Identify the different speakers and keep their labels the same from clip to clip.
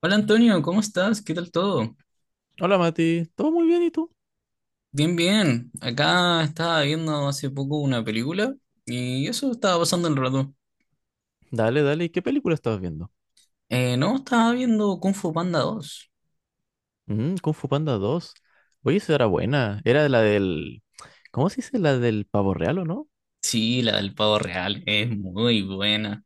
Speaker 1: Hola Antonio, ¿cómo estás? ¿Qué tal todo?
Speaker 2: Hola Mati, ¿todo muy bien y tú?
Speaker 1: Bien, bien. Acá estaba viendo hace poco una película y eso estaba pasando el rato.
Speaker 2: Dale, dale, ¿qué película estabas viendo?
Speaker 1: No, estaba viendo Kung Fu Panda 2.
Speaker 2: Mm, Kung Fu Panda 2. Oye, esa era buena. Era la del... ¿Cómo se dice? La del pavo real, ¿o no?
Speaker 1: Sí, la del pavo real, es muy buena.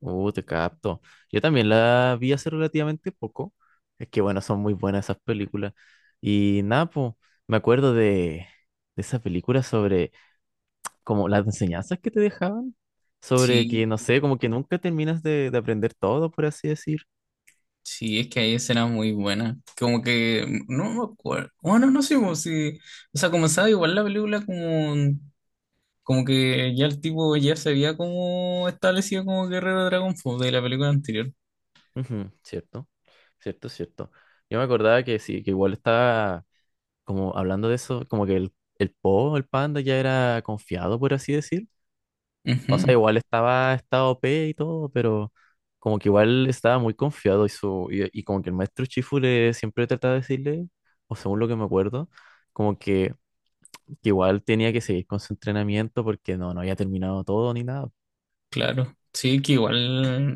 Speaker 2: Te capto. Yo también la vi hace relativamente poco. Es que bueno, son muy buenas esas películas. Y nada, po, me acuerdo de esa película sobre como las enseñanzas que te dejaban. Sobre
Speaker 1: Sí,
Speaker 2: que, no sé, como que nunca terminas de aprender todo, por así decir.
Speaker 1: sí, es que ahí será muy buena. Como que no me acuerdo. Bueno, no sé como si. O sea, comenzaba igual la película como. Como que ya el tipo ya se había como establecido como guerrero de Dragon Fu de la película anterior.
Speaker 2: Ujú, cierto, cierto, cierto. Yo me acordaba que sí, que igual estaba como hablando de eso, como que el Po, el panda ya era confiado, por así decir. O sea,
Speaker 1: Ujú.
Speaker 2: igual estaba OP y todo, pero como que igual estaba muy confiado y como que el maestro Chifu le siempre trataba de decirle, o según lo que me acuerdo, como que igual tenía que seguir con su entrenamiento porque no había terminado todo ni nada.
Speaker 1: Claro, sí, que igual,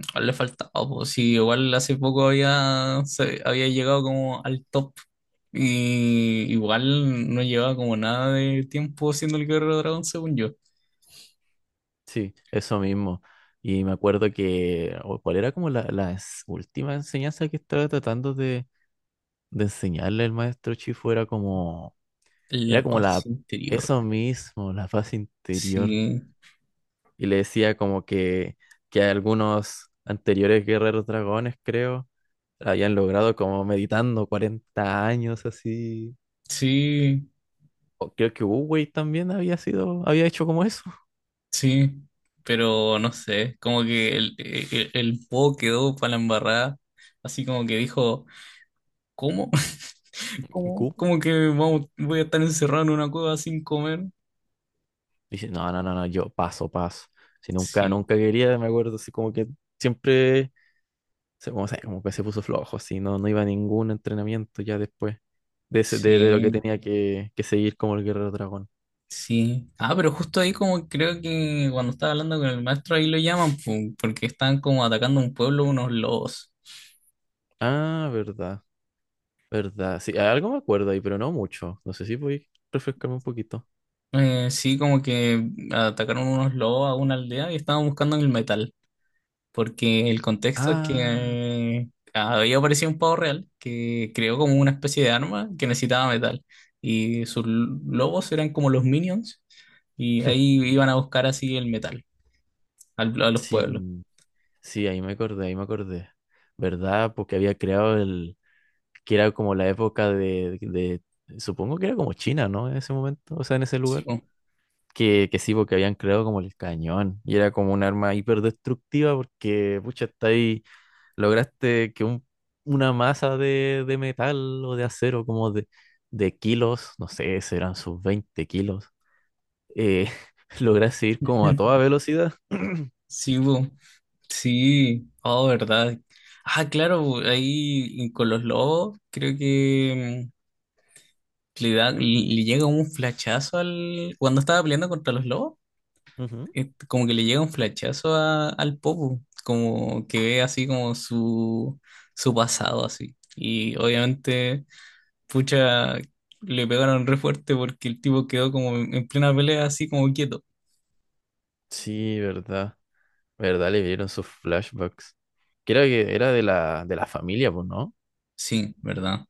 Speaker 1: igual le faltaba, pues sí, igual hace poco había, había llegado como al top y igual no llevaba como nada de tiempo siendo el Guerrero Dragón, según yo.
Speaker 2: Sí, eso mismo. Y me acuerdo que, o ¿cuál era como última enseñanza que estaba tratando de enseñarle el maestro Chifu? Era como,
Speaker 1: La
Speaker 2: era como
Speaker 1: paz
Speaker 2: la,
Speaker 1: interior,
Speaker 2: eso mismo, la paz interior.
Speaker 1: sí,
Speaker 2: Y le decía como que algunos anteriores guerreros dragones, creo, habían logrado como meditando 40 años así.
Speaker 1: sí,
Speaker 2: O creo que Wu Wei también había sido, había hecho como eso.
Speaker 1: sí, pero no sé, como que el Po quedó para la embarrada, así como que dijo, ¿cómo? ¿Cómo? ¿Cómo que vamos, voy a estar encerrado en una cueva sin comer?
Speaker 2: Dice, no, no, no, no, yo paso, paso. Si nunca,
Speaker 1: Sí,
Speaker 2: nunca quería, me acuerdo, así como que siempre, como que se puso flojo, así, no iba a ningún entrenamiento ya después de lo que
Speaker 1: sí.
Speaker 2: tenía que seguir como el Guerrero Dragón.
Speaker 1: Sí. Ah, pero justo ahí como creo que cuando estaba hablando con el maestro ahí lo llaman pu, porque están como atacando un pueblo unos lobos.
Speaker 2: Ah, verdad, verdad. Sí, algo me acuerdo ahí, pero no mucho. No sé si voy a refrescarme un poquito.
Speaker 1: Sí, como que atacaron unos lobos a una aldea y estaban buscando el metal, porque el contexto es que
Speaker 2: Ah,
Speaker 1: había aparecido un pavo real que creó como una especie de arma que necesitaba metal y sus lobos eran como los minions y ahí iban a buscar así el metal a los pueblos.
Speaker 2: sí, sí, ahí me acordé, ahí me acordé. ¿Verdad? Porque había creado el, que era como la época supongo que era como China, ¿no? En ese momento, o sea, en ese
Speaker 1: Sí,
Speaker 2: lugar.
Speaker 1: pu.
Speaker 2: Que sí, porque habían creado como el cañón y era como un arma hiperdestructiva porque, pucha, está ahí, lograste que una masa de metal o de acero como de kilos, no sé, serán sus 20 kilos, eh, lograste ir como a toda velocidad.
Speaker 1: Sí, bu. Sí, oh, verdad. Ah, claro, ahí y con los lobos, creo que le da, le llega un flachazo al. Cuando estaba peleando contra los lobos,
Speaker 2: Ujú.
Speaker 1: como que le llega un flachazo al Popo, como que ve así como su pasado así. Y obviamente, pucha, le pegaron re fuerte porque el tipo quedó como en plena pelea así como quieto.
Speaker 2: Sí, verdad, verdad, le dieron sus flashbacks. Creo que era de la familia, pues, ¿no?
Speaker 1: Sí, ¿verdad?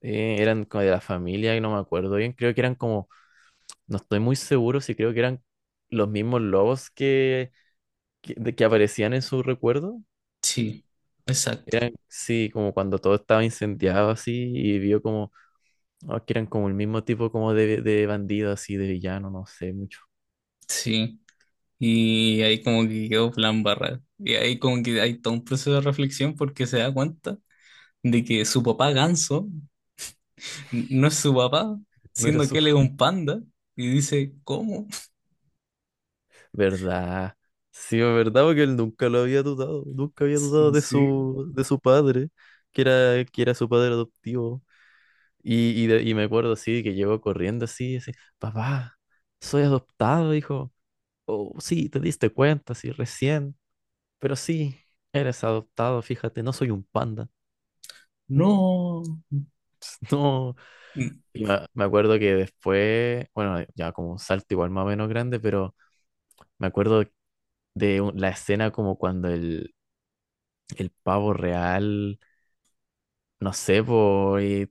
Speaker 2: Eran como de la familia y no me acuerdo bien, creo que eran como. No estoy muy seguro si creo que eran los mismos lobos que aparecían en su recuerdo.
Speaker 1: Sí, exacto.
Speaker 2: Eran, sí, como cuando todo estaba incendiado así y vio como que eran como el mismo tipo como de bandido así, de villano, no sé mucho.
Speaker 1: Sí. Y ahí como que quedó plan barra. Y ahí como que hay todo un proceso de reflexión porque se da cuenta de que su papá Ganso no es su papá,
Speaker 2: No era
Speaker 1: siendo
Speaker 2: su...
Speaker 1: que él es un panda. Y dice, ¿cómo?
Speaker 2: ¿Verdad? Sí, es verdad, porque él nunca lo había dudado, nunca había dudado
Speaker 1: Sí,
Speaker 2: de
Speaker 1: sí.
Speaker 2: su, de su padre, que era su padre adoptivo. Y me acuerdo así, que llegó corriendo así, así, papá, soy adoptado, hijo. Oh, sí, te diste cuenta, sí, recién. Pero sí, eres adoptado, fíjate, no soy un panda.
Speaker 1: No.
Speaker 2: No.
Speaker 1: Mm,
Speaker 2: Y me acuerdo que después, bueno, ya como un salto igual más o menos grande, pero me acuerdo de la escena como cuando el pavo real, no sé, po, y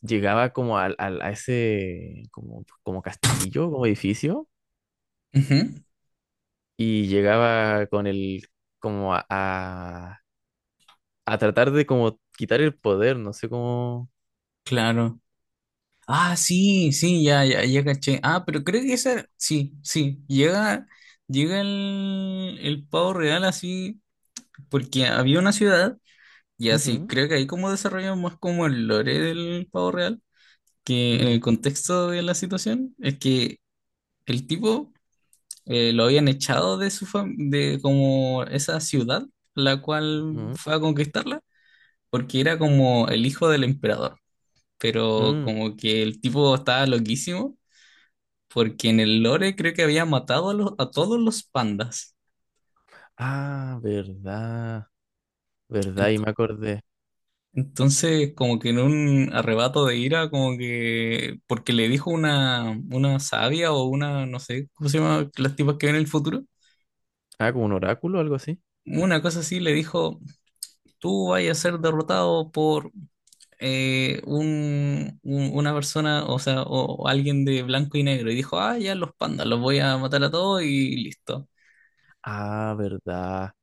Speaker 2: llegaba como a, ese como castillo, como edificio,
Speaker 1: ujú,
Speaker 2: y llegaba con el, como a tratar de como quitar el poder, no sé cómo.
Speaker 1: claro. Ah, sí, sí, ya, ya, ya caché. Ah, pero creo que esa, sí, sí, llega, llega el pavo real así, porque había una ciudad, y así,
Speaker 2: Ujú.
Speaker 1: creo que ahí como desarrollan más como el lore del pavo real que en
Speaker 2: Ujú,
Speaker 1: el contexto de la situación es que el tipo lo habían echado de su de como esa ciudad la cual
Speaker 2: ujú,
Speaker 1: fue a conquistarla porque era como el hijo del emperador, pero
Speaker 2: mm.
Speaker 1: como que el tipo estaba loquísimo porque en el lore creo que había matado a, a todos los pandas.
Speaker 2: Ah, verdad, verdad, y
Speaker 1: Ento-
Speaker 2: me acordé.
Speaker 1: Entonces, como que en un arrebato de ira, como que porque le dijo una sabia o una, no sé, ¿cómo se llama? Las tipas que ven el futuro.
Speaker 2: Ah, como un oráculo o algo así.
Speaker 1: Una cosa así le dijo, tú vas a ser derrotado por una persona, o sea, o alguien de blanco y negro. Y dijo, ah, ya los pandas, los voy a matar a todos y listo.
Speaker 2: Ah, verdad,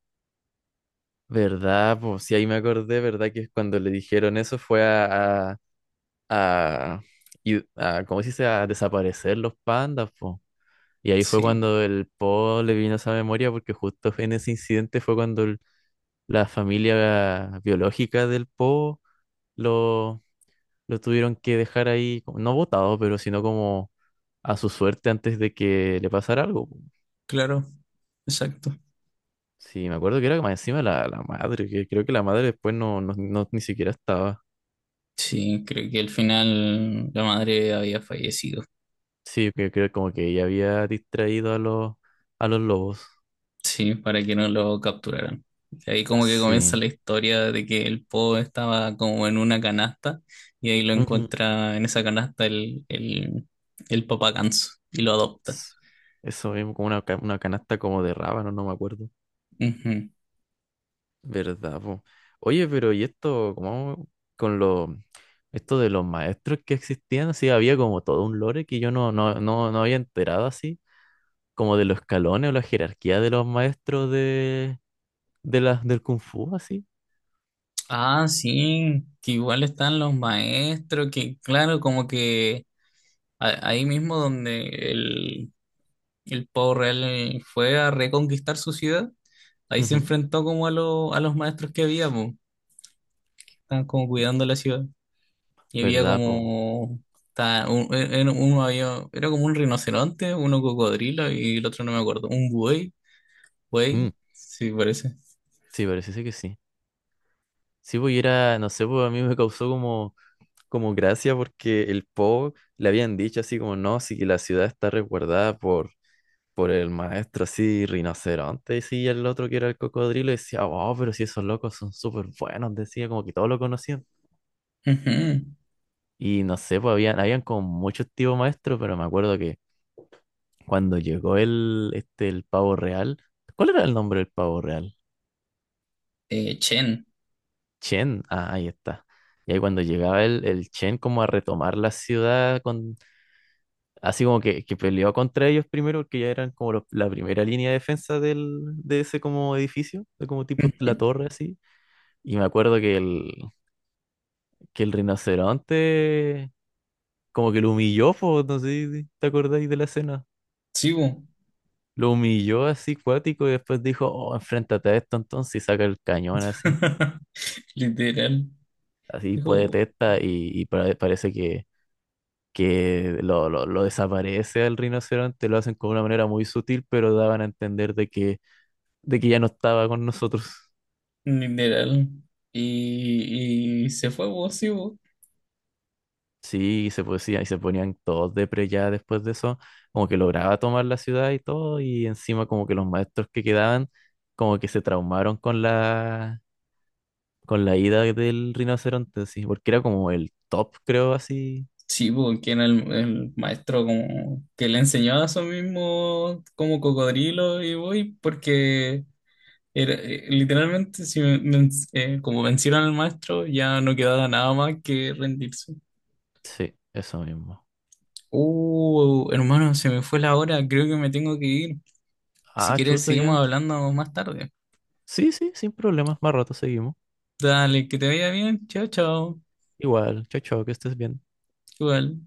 Speaker 2: verdad, pues sí, ahí me acordé, verdad, que cuando le dijeron eso fue a, ¿cómo se dice? A desaparecer los pandas, pues. Y ahí fue
Speaker 1: Sí,
Speaker 2: cuando el Po le vino esa memoria, porque justo en ese incidente fue cuando la familia biológica del Po lo, lo tuvieron que dejar ahí, no botado, pero sino como a su suerte antes de que le pasara algo. Po.
Speaker 1: claro, exacto.
Speaker 2: Sí, me acuerdo que era más encima la madre, que creo que la madre después ni siquiera estaba.
Speaker 1: Sí, creo que al final la madre había fallecido,
Speaker 2: Sí, que creo como que ella había distraído a los lobos.
Speaker 1: sí, para que no lo capturaran. Y ahí como que comienza
Speaker 2: Sí.
Speaker 1: la historia de que el Po estaba como en una canasta y ahí lo
Speaker 2: Ujú.
Speaker 1: encuentra en esa canasta el papá ganso y lo adopta.
Speaker 2: S- Eso mismo, como una canasta como de rábano, no me acuerdo.
Speaker 1: Ujú.
Speaker 2: ¿Verdad, po? Oye, pero ¿y esto, cómo con lo, esto de los maestros que existían? Sí, había como todo un lore que yo no había enterado así. Como de los escalones o la jerarquía de los maestros de las del Kung Fu, así.
Speaker 1: Ah, sí, que igual están los maestros, que claro, como que ahí mismo donde el Pavo Real fue a reconquistar su ciudad, ahí se
Speaker 2: Ujú.
Speaker 1: enfrentó como a, a los maestros que había, pues, estaban como cuidando la ciudad. Y había
Speaker 2: ¿Verdad, po?
Speaker 1: como, uno había, era como un rinoceronte, uno cocodrilo y el otro no me acuerdo, un buey,
Speaker 2: Mm,
Speaker 1: buey, sí parece.
Speaker 2: sí, parece ser que sí. Sí, pues y era, no sé, pues a mí me causó como gracia porque el Po le habían dicho así como, no, sí que la ciudad está resguardada por el maestro así, rinoceronte, y sí, y el otro que era el cocodrilo decía, oh, pero si esos locos son súper buenos, decía, como que todos lo conocían.
Speaker 1: Ujú.
Speaker 2: Y no sé, pues habían como muchos tipos maestros, pero me acuerdo que cuando llegó el pavo real, ¿cuál era el nombre del pavo real?
Speaker 1: Chen.
Speaker 2: Chen, ah, ahí está. Y ahí cuando llegaba el Chen como a retomar la ciudad, así como que peleó contra ellos primero, porque ya eran como la primera línea de defensa de ese como edificio, de como tipo la
Speaker 1: Ujú.
Speaker 2: torre así. Y me acuerdo que que el rinoceronte como que lo humilló, po, no sé si te acordáis de la escena.
Speaker 1: Sí, po.
Speaker 2: Lo humilló así cuático y después dijo, oh, enfréntate a esto entonces y saca el cañón así.
Speaker 1: Literal,
Speaker 2: Así puede
Speaker 1: dijo,
Speaker 2: testa y parece que lo desaparece al rinoceronte, lo hacen con una manera muy sutil, pero daban a entender de que ya no estaba con nosotros.
Speaker 1: literal. Y se fue vos.
Speaker 2: Sí, y se ponían todos depre ya después de eso, como que lograba tomar la ciudad y todo, y encima como que los maestros que quedaban, como que se traumaron con la ida del rinoceronte, sí, porque era como el top, creo, así.
Speaker 1: Sí, porque era el maestro como que le enseñaba a su mismo como cocodrilo y voy, porque era, literalmente si como vencieron al maestro ya no quedaba nada más que rendirse.
Speaker 2: Sí, eso mismo.
Speaker 1: Hermano, se me fue la hora, creo que me tengo que ir. Si
Speaker 2: Ah,
Speaker 1: quieres
Speaker 2: chuto ya.
Speaker 1: seguimos hablando más tarde.
Speaker 2: Sí, sí, sin problemas. Más rato seguimos.
Speaker 1: Dale, que te vaya bien, chao, chao.
Speaker 2: Igual, chao, chao, que estés bien.
Speaker 1: Igual.